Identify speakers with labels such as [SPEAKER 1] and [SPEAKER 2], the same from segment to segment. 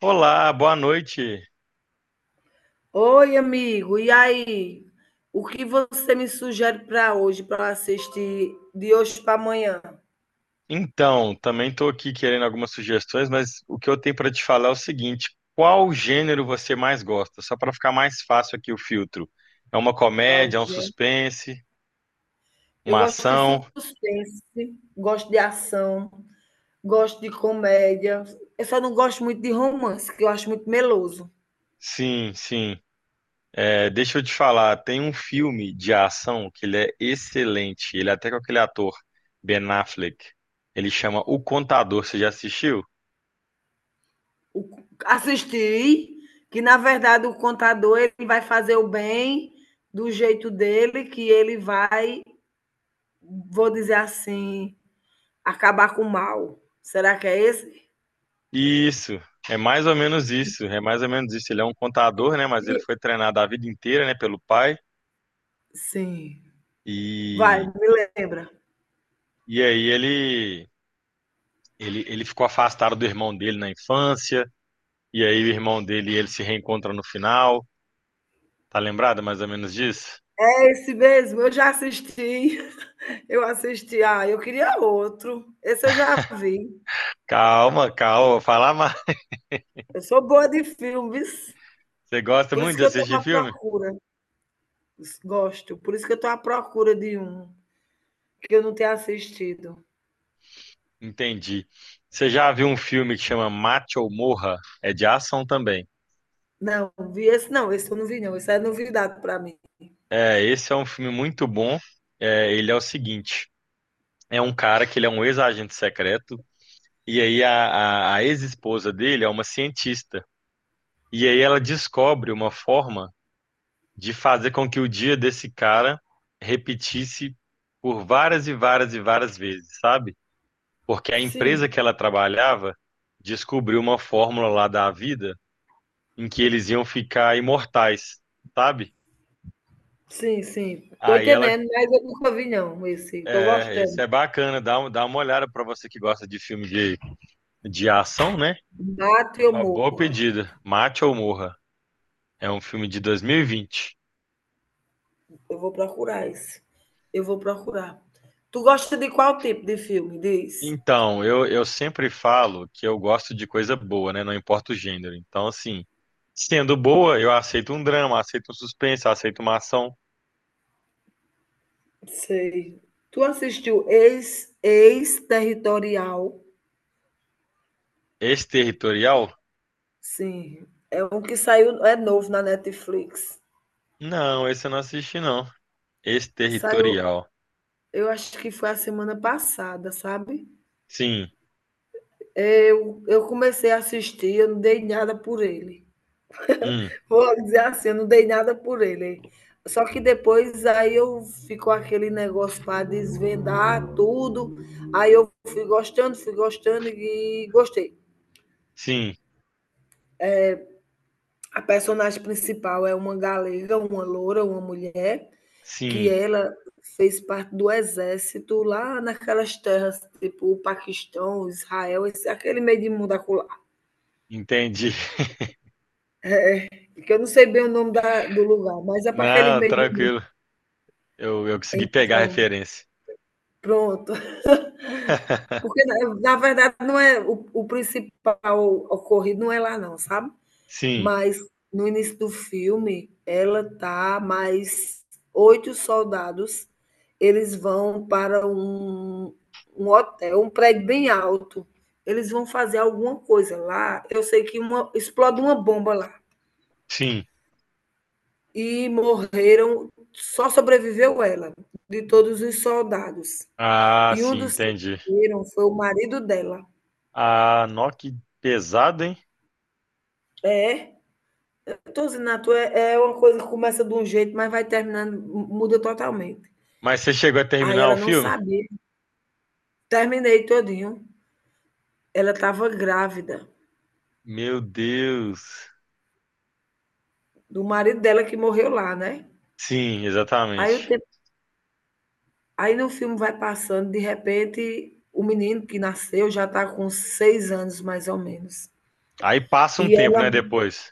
[SPEAKER 1] Olá, boa noite.
[SPEAKER 2] Oi, amigo. E aí? O que você me sugere para hoje, para assistir de hoje para amanhã?
[SPEAKER 1] Então, também estou aqui querendo algumas sugestões, mas o que eu tenho para te falar é o seguinte: qual gênero você mais gosta? Só para ficar mais fácil aqui o filtro. É uma
[SPEAKER 2] Qual
[SPEAKER 1] comédia, é um
[SPEAKER 2] gênero?
[SPEAKER 1] suspense,
[SPEAKER 2] Eu
[SPEAKER 1] uma
[SPEAKER 2] gosto de
[SPEAKER 1] ação?
[SPEAKER 2] suspense, gosto de ação, gosto de comédia. Eu só não gosto muito de romance, que eu acho muito meloso.
[SPEAKER 1] Sim, sim. É, deixa eu te falar, tem um filme de ação que ele é excelente. Ele é até com aquele ator Ben Affleck. Ele chama O Contador. Você já assistiu?
[SPEAKER 2] O- Assistir, que na verdade o contador ele vai fazer o bem do jeito dele, que ele vai, vou dizer assim, acabar com o mal. Será que é esse?
[SPEAKER 1] Isso, é mais ou menos isso, é mais ou menos isso. Ele é um contador, né? Mas ele foi treinado a vida inteira, né, pelo pai.
[SPEAKER 2] Sim. Vai,
[SPEAKER 1] E,
[SPEAKER 2] me lembra.
[SPEAKER 1] e aí ele, ele ficou afastado do irmão dele na infância. E aí o irmão dele e ele se reencontram no final. Tá lembrado mais ou menos disso?
[SPEAKER 2] É esse mesmo, eu já assisti. Eu assisti. Ah, eu queria outro. Esse eu já vi.
[SPEAKER 1] Calma, calma, fala mais.
[SPEAKER 2] Eu sou boa de filmes,
[SPEAKER 1] Você gosta
[SPEAKER 2] por isso
[SPEAKER 1] muito de
[SPEAKER 2] que eu estou
[SPEAKER 1] assistir
[SPEAKER 2] à
[SPEAKER 1] filme?
[SPEAKER 2] procura. Gosto, por isso que eu estou à procura de um que eu não tenha assistido.
[SPEAKER 1] Entendi. Você já viu um filme que chama Mate ou Morra? É de ação também.
[SPEAKER 2] Não, vi esse não, esse eu não vi não, esse é novidade para mim.
[SPEAKER 1] É, esse é um filme muito bom. É, ele é o seguinte. É um cara que ele é um ex-agente secreto, e aí a ex-esposa dele é uma cientista. E aí ela descobre uma forma de fazer com que o dia desse cara repetisse por várias e várias e várias vezes, sabe? Porque a empresa
[SPEAKER 2] Sim,
[SPEAKER 1] que ela trabalhava descobriu uma fórmula lá da vida em que eles iam ficar imortais, sabe?
[SPEAKER 2] sim, sim. Tô
[SPEAKER 1] Aí ela,
[SPEAKER 2] entendendo, mas eu nunca vi não esse. Tô
[SPEAKER 1] é, esse
[SPEAKER 2] gostando.
[SPEAKER 1] é bacana, dá, dá uma olhada pra você que gosta de filme de ação, né?
[SPEAKER 2] Mato e eu
[SPEAKER 1] Uma boa
[SPEAKER 2] morro.
[SPEAKER 1] pedida. Mate ou Morra. É um filme de 2020.
[SPEAKER 2] Eu vou procurar esse. Eu vou procurar. Tu gosta de qual tipo de filme, diz?
[SPEAKER 1] Então, eu sempre falo que eu gosto de coisa boa, né? Não importa o gênero. Então, assim, sendo boa, eu aceito um drama, aceito um suspense, aceito uma ação.
[SPEAKER 2] Sei. Tu assistiu Ex-Territorial?
[SPEAKER 1] Exterritorial?
[SPEAKER 2] Sim. É um que saiu, é novo na Netflix.
[SPEAKER 1] Não, esse eu não assisti, não.
[SPEAKER 2] Saiu,
[SPEAKER 1] Exterritorial.
[SPEAKER 2] eu acho que foi a semana passada, sabe?
[SPEAKER 1] Sim,
[SPEAKER 2] Eu comecei a assistir, eu não dei nada por ele.
[SPEAKER 1] hum,
[SPEAKER 2] Vou dizer assim, eu não dei nada por ele. Só que depois aí eu ficou aquele negócio para desvendar tudo. Aí eu fui gostando e gostei.
[SPEAKER 1] sim,
[SPEAKER 2] A personagem principal é uma galega, uma loura, uma mulher, que
[SPEAKER 1] sim.
[SPEAKER 2] ela fez parte do exército lá naquelas terras, tipo o Paquistão, Israel, esse, aquele meio de mundo acolá.
[SPEAKER 1] Entendi.
[SPEAKER 2] Porque eu não sei bem o nome do lugar, mas é para aquele
[SPEAKER 1] Não,
[SPEAKER 2] meio de mundo.
[SPEAKER 1] tranquilo. Eu consegui pegar a
[SPEAKER 2] Então,
[SPEAKER 1] referência.
[SPEAKER 2] pronto. Porque, na verdade, não é o principal ocorrido não é lá, não, sabe?
[SPEAKER 1] Sim,
[SPEAKER 2] Mas no início do filme, ela tá mais oito soldados, eles vão para um hotel, um prédio bem alto. Eles vão fazer alguma coisa lá. Eu sei que explode uma bomba lá.
[SPEAKER 1] sim.
[SPEAKER 2] E morreram, só sobreviveu ela, de todos os soldados.
[SPEAKER 1] Ah,
[SPEAKER 2] E um
[SPEAKER 1] sim,
[SPEAKER 2] dos que
[SPEAKER 1] entendi.
[SPEAKER 2] morreram foi o marido dela.
[SPEAKER 1] Ah, nó, que pesado, hein?
[SPEAKER 2] É. Tô zinato é uma coisa que começa de um jeito, mas vai terminando, muda totalmente.
[SPEAKER 1] Mas você chegou a
[SPEAKER 2] Aí
[SPEAKER 1] terminar o
[SPEAKER 2] ela não
[SPEAKER 1] filme?
[SPEAKER 2] sabia. Terminei todinho. Ela estava grávida
[SPEAKER 1] Meu Deus.
[SPEAKER 2] do marido dela que morreu lá, né?
[SPEAKER 1] Sim,
[SPEAKER 2] Aí, o
[SPEAKER 1] exatamente.
[SPEAKER 2] tempo, aí no filme vai passando, de repente, o menino que nasceu já está com seis anos, mais ou menos.
[SPEAKER 1] Aí passa um
[SPEAKER 2] E
[SPEAKER 1] tempo,
[SPEAKER 2] ela
[SPEAKER 1] né, depois.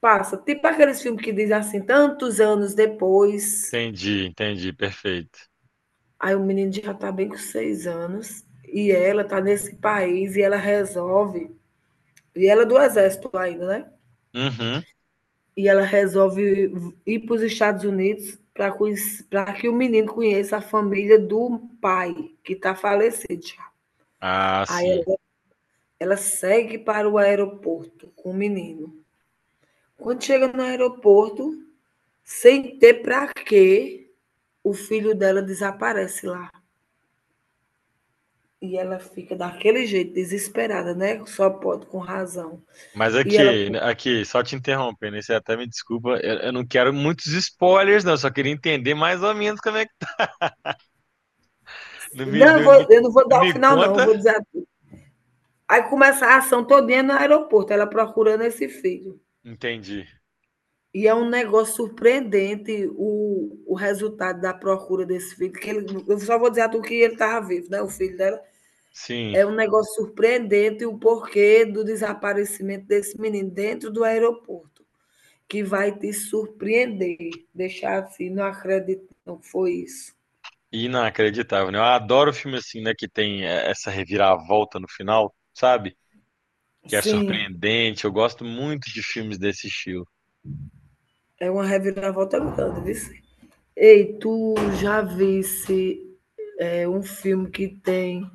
[SPEAKER 2] passa, tipo aqueles filmes que diz assim, tantos anos depois,
[SPEAKER 1] Entendi, entendi, perfeito.
[SPEAKER 2] aí o menino já está bem com seis anos, e ela está nesse país, e ela resolve. E ela é do exército ainda, né?
[SPEAKER 1] Uhum.
[SPEAKER 2] E ela resolve ir para os Estados Unidos para que o menino conheça a família do pai, que está falecido já.
[SPEAKER 1] Ah,
[SPEAKER 2] Aí
[SPEAKER 1] sim.
[SPEAKER 2] ela segue para o aeroporto com o menino. Quando chega no aeroporto, sem ter para quê, o filho dela desaparece lá. E ela fica daquele jeito, desesperada, né? Só pode, com razão.
[SPEAKER 1] Mas
[SPEAKER 2] E ela.
[SPEAKER 1] aqui, aqui, só te interrompendo, né? Você até me desculpa, eu não quero muitos spoilers, não. Eu só queria entender mais ou menos como é que. Não me,
[SPEAKER 2] Não,
[SPEAKER 1] não, me
[SPEAKER 2] eu não vou
[SPEAKER 1] não
[SPEAKER 2] dar o
[SPEAKER 1] me
[SPEAKER 2] final, não. Eu
[SPEAKER 1] conta?
[SPEAKER 2] vou dizer. Aí começa a ação todinha no aeroporto, ela procurando esse filho.
[SPEAKER 1] Entendi.
[SPEAKER 2] E é um negócio surpreendente o resultado da procura desse filho. Eu só vou dizer a tu que ele estava vivo, né? O filho dela.
[SPEAKER 1] Sim.
[SPEAKER 2] É um negócio surpreendente o porquê do desaparecimento desse menino dentro do aeroporto, que vai te surpreender, deixar assim, não acredito, não foi isso.
[SPEAKER 1] Inacreditável, né? Eu adoro filme assim, né? Que tem essa reviravolta no final, sabe? Que é
[SPEAKER 2] Sim,
[SPEAKER 1] surpreendente. Eu gosto muito de filmes desse estilo.
[SPEAKER 2] é uma reviravolta grande, viu? Ei, tu já visse um filme que tem.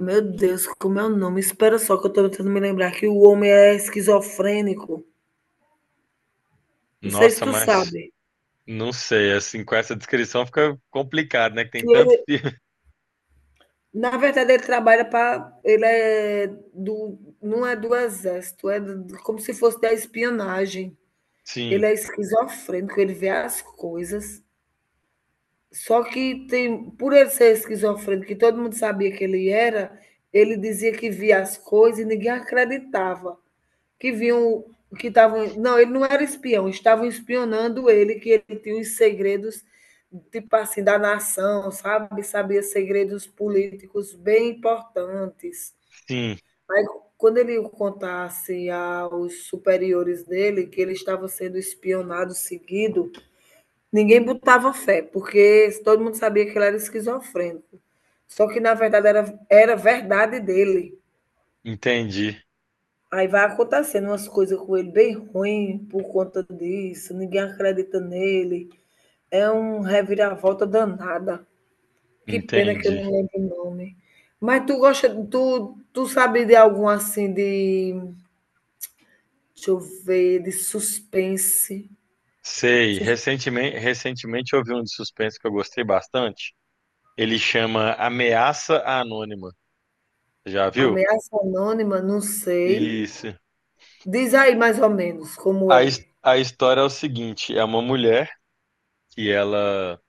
[SPEAKER 2] Meu Deus, como é o nome? Espera só que eu tô tentando me lembrar que o homem é esquizofrênico. Não sei se
[SPEAKER 1] Nossa,
[SPEAKER 2] tu
[SPEAKER 1] mas
[SPEAKER 2] sabe.
[SPEAKER 1] não sei, assim, com essa descrição fica complicado, né? Que
[SPEAKER 2] Que
[SPEAKER 1] tem tanto
[SPEAKER 2] ele,
[SPEAKER 1] filme.
[SPEAKER 2] na verdade, ele trabalha para. Ele é do. Não é do exército, é como se fosse da espionagem.
[SPEAKER 1] Sim,
[SPEAKER 2] Ele é esquizofrênico, ele vê as coisas. Só que tem, por ele ser esquizofrênico, que todo mundo sabia que ele era, ele dizia que via as coisas e ninguém acreditava. Que vinham, que estavam. Não, ele não era espião, estavam espionando ele, que ele tinha os segredos, tipo assim, da nação, sabe? Sabia segredos políticos bem importantes.
[SPEAKER 1] sim,
[SPEAKER 2] Aí, quando ele contasse aos superiores dele que ele estava sendo espionado, seguido, ninguém botava fé, porque todo mundo sabia que ele era esquizofrênico. Só que, na verdade, era verdade dele.
[SPEAKER 1] entendi,
[SPEAKER 2] Aí vai acontecendo umas coisas com ele bem ruim por conta disso, ninguém acredita nele. É um reviravolta danada. Que pena que eu
[SPEAKER 1] entendi.
[SPEAKER 2] não lembro o nome. Mas tu gosta, tu sabe de algum assim de, deixa eu ver, de suspense.
[SPEAKER 1] Sei,
[SPEAKER 2] Sus-
[SPEAKER 1] recentemente, recentemente eu vi um de suspense que eu gostei bastante. Ele chama Ameaça Anônima. Já viu?
[SPEAKER 2] Ameaça anônima, não sei.
[SPEAKER 1] Isso.
[SPEAKER 2] Diz aí mais ou menos como
[SPEAKER 1] A,
[SPEAKER 2] é.
[SPEAKER 1] a história é o seguinte: é uma mulher que ela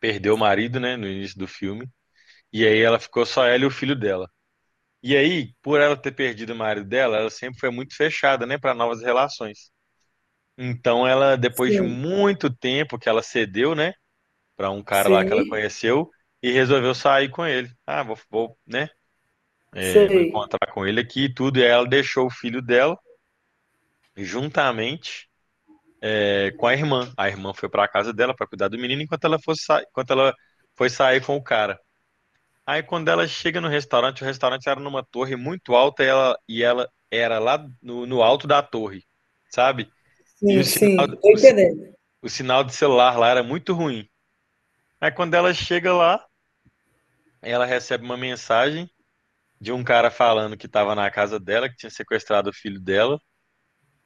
[SPEAKER 1] perdeu o marido, né, no início do filme, e aí ela ficou só ela e o filho dela. E aí, por ela ter perdido o marido dela, ela sempre foi muito fechada, né, para novas relações. Então ela, depois de
[SPEAKER 2] Sim,
[SPEAKER 1] muito tempo que ela cedeu, né, para um cara lá que ela
[SPEAKER 2] sim,
[SPEAKER 1] conheceu e resolveu sair com ele. Ah, vou, vou, né, é, vou
[SPEAKER 2] sei.
[SPEAKER 1] encontrar com ele aqui e tudo. E aí ela deixou o filho dela juntamente é, com a irmã. A irmã foi para a casa dela para cuidar do menino enquanto ela enquanto ela foi sair com o cara. Aí quando ela chega no restaurante, o restaurante era numa torre muito alta e ela era lá no, no alto da torre, sabe? E o,
[SPEAKER 2] Sim, sim, tô
[SPEAKER 1] o
[SPEAKER 2] entendendo.
[SPEAKER 1] o sinal de celular lá era muito ruim. Aí quando ela chega lá, ela recebe uma mensagem de um cara falando que estava na casa dela, que tinha sequestrado o filho dela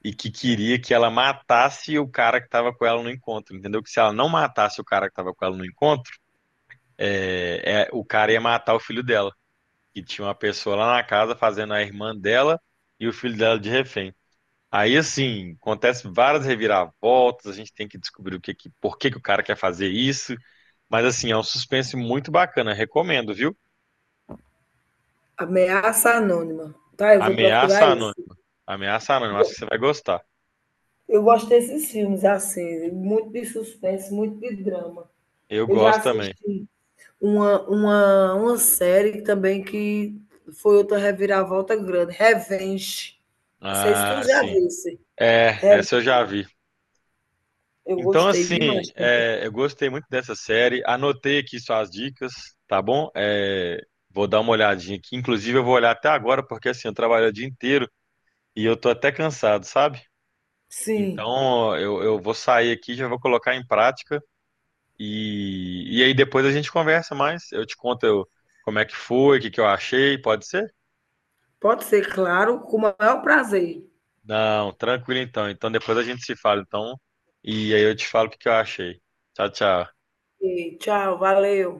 [SPEAKER 1] e que queria que ela matasse o cara que estava com ela no encontro, entendeu? Que se ela não matasse o cara que estava com ela no encontro, o cara ia matar o filho dela. Que tinha uma pessoa lá na casa fazendo a irmã dela e o filho dela de refém. Aí, assim, acontece várias reviravoltas, a gente tem que descobrir o que, que, por que, que o cara quer fazer isso. Mas, assim, é um suspense muito bacana, recomendo, viu?
[SPEAKER 2] Ameaça anônima. Tá, eu vou
[SPEAKER 1] Ameaça
[SPEAKER 2] procurar isso.
[SPEAKER 1] Anônima. Ameaça Anônima, acho que você vai gostar.
[SPEAKER 2] Eu gosto desses filmes assim, muito de suspense, muito de drama.
[SPEAKER 1] Eu
[SPEAKER 2] Eu já
[SPEAKER 1] gosto também.
[SPEAKER 2] assisti uma série também que foi outra reviravolta grande, Revenge. Não sei se tu
[SPEAKER 1] Ah,
[SPEAKER 2] já
[SPEAKER 1] sim.
[SPEAKER 2] visse.
[SPEAKER 1] É,
[SPEAKER 2] É,
[SPEAKER 1] essa eu já vi.
[SPEAKER 2] eu
[SPEAKER 1] Então,
[SPEAKER 2] gostei
[SPEAKER 1] assim,
[SPEAKER 2] demais também.
[SPEAKER 1] é, eu gostei muito dessa série. Anotei aqui suas dicas, tá bom? É, vou dar uma olhadinha aqui. Inclusive, eu vou olhar até agora, porque assim, eu trabalho o dia inteiro e eu tô até cansado, sabe?
[SPEAKER 2] Sim,
[SPEAKER 1] Então, eu vou sair aqui, já vou colocar em prática e aí depois a gente conversa mais. Eu te conto como é que foi, o que que eu achei, pode ser?
[SPEAKER 2] pode ser, claro, com o maior prazer.
[SPEAKER 1] Não, tranquilo então. Então, depois a gente se fala, então, e aí eu te falo o que que eu achei. Tchau, tchau.
[SPEAKER 2] E tchau, valeu.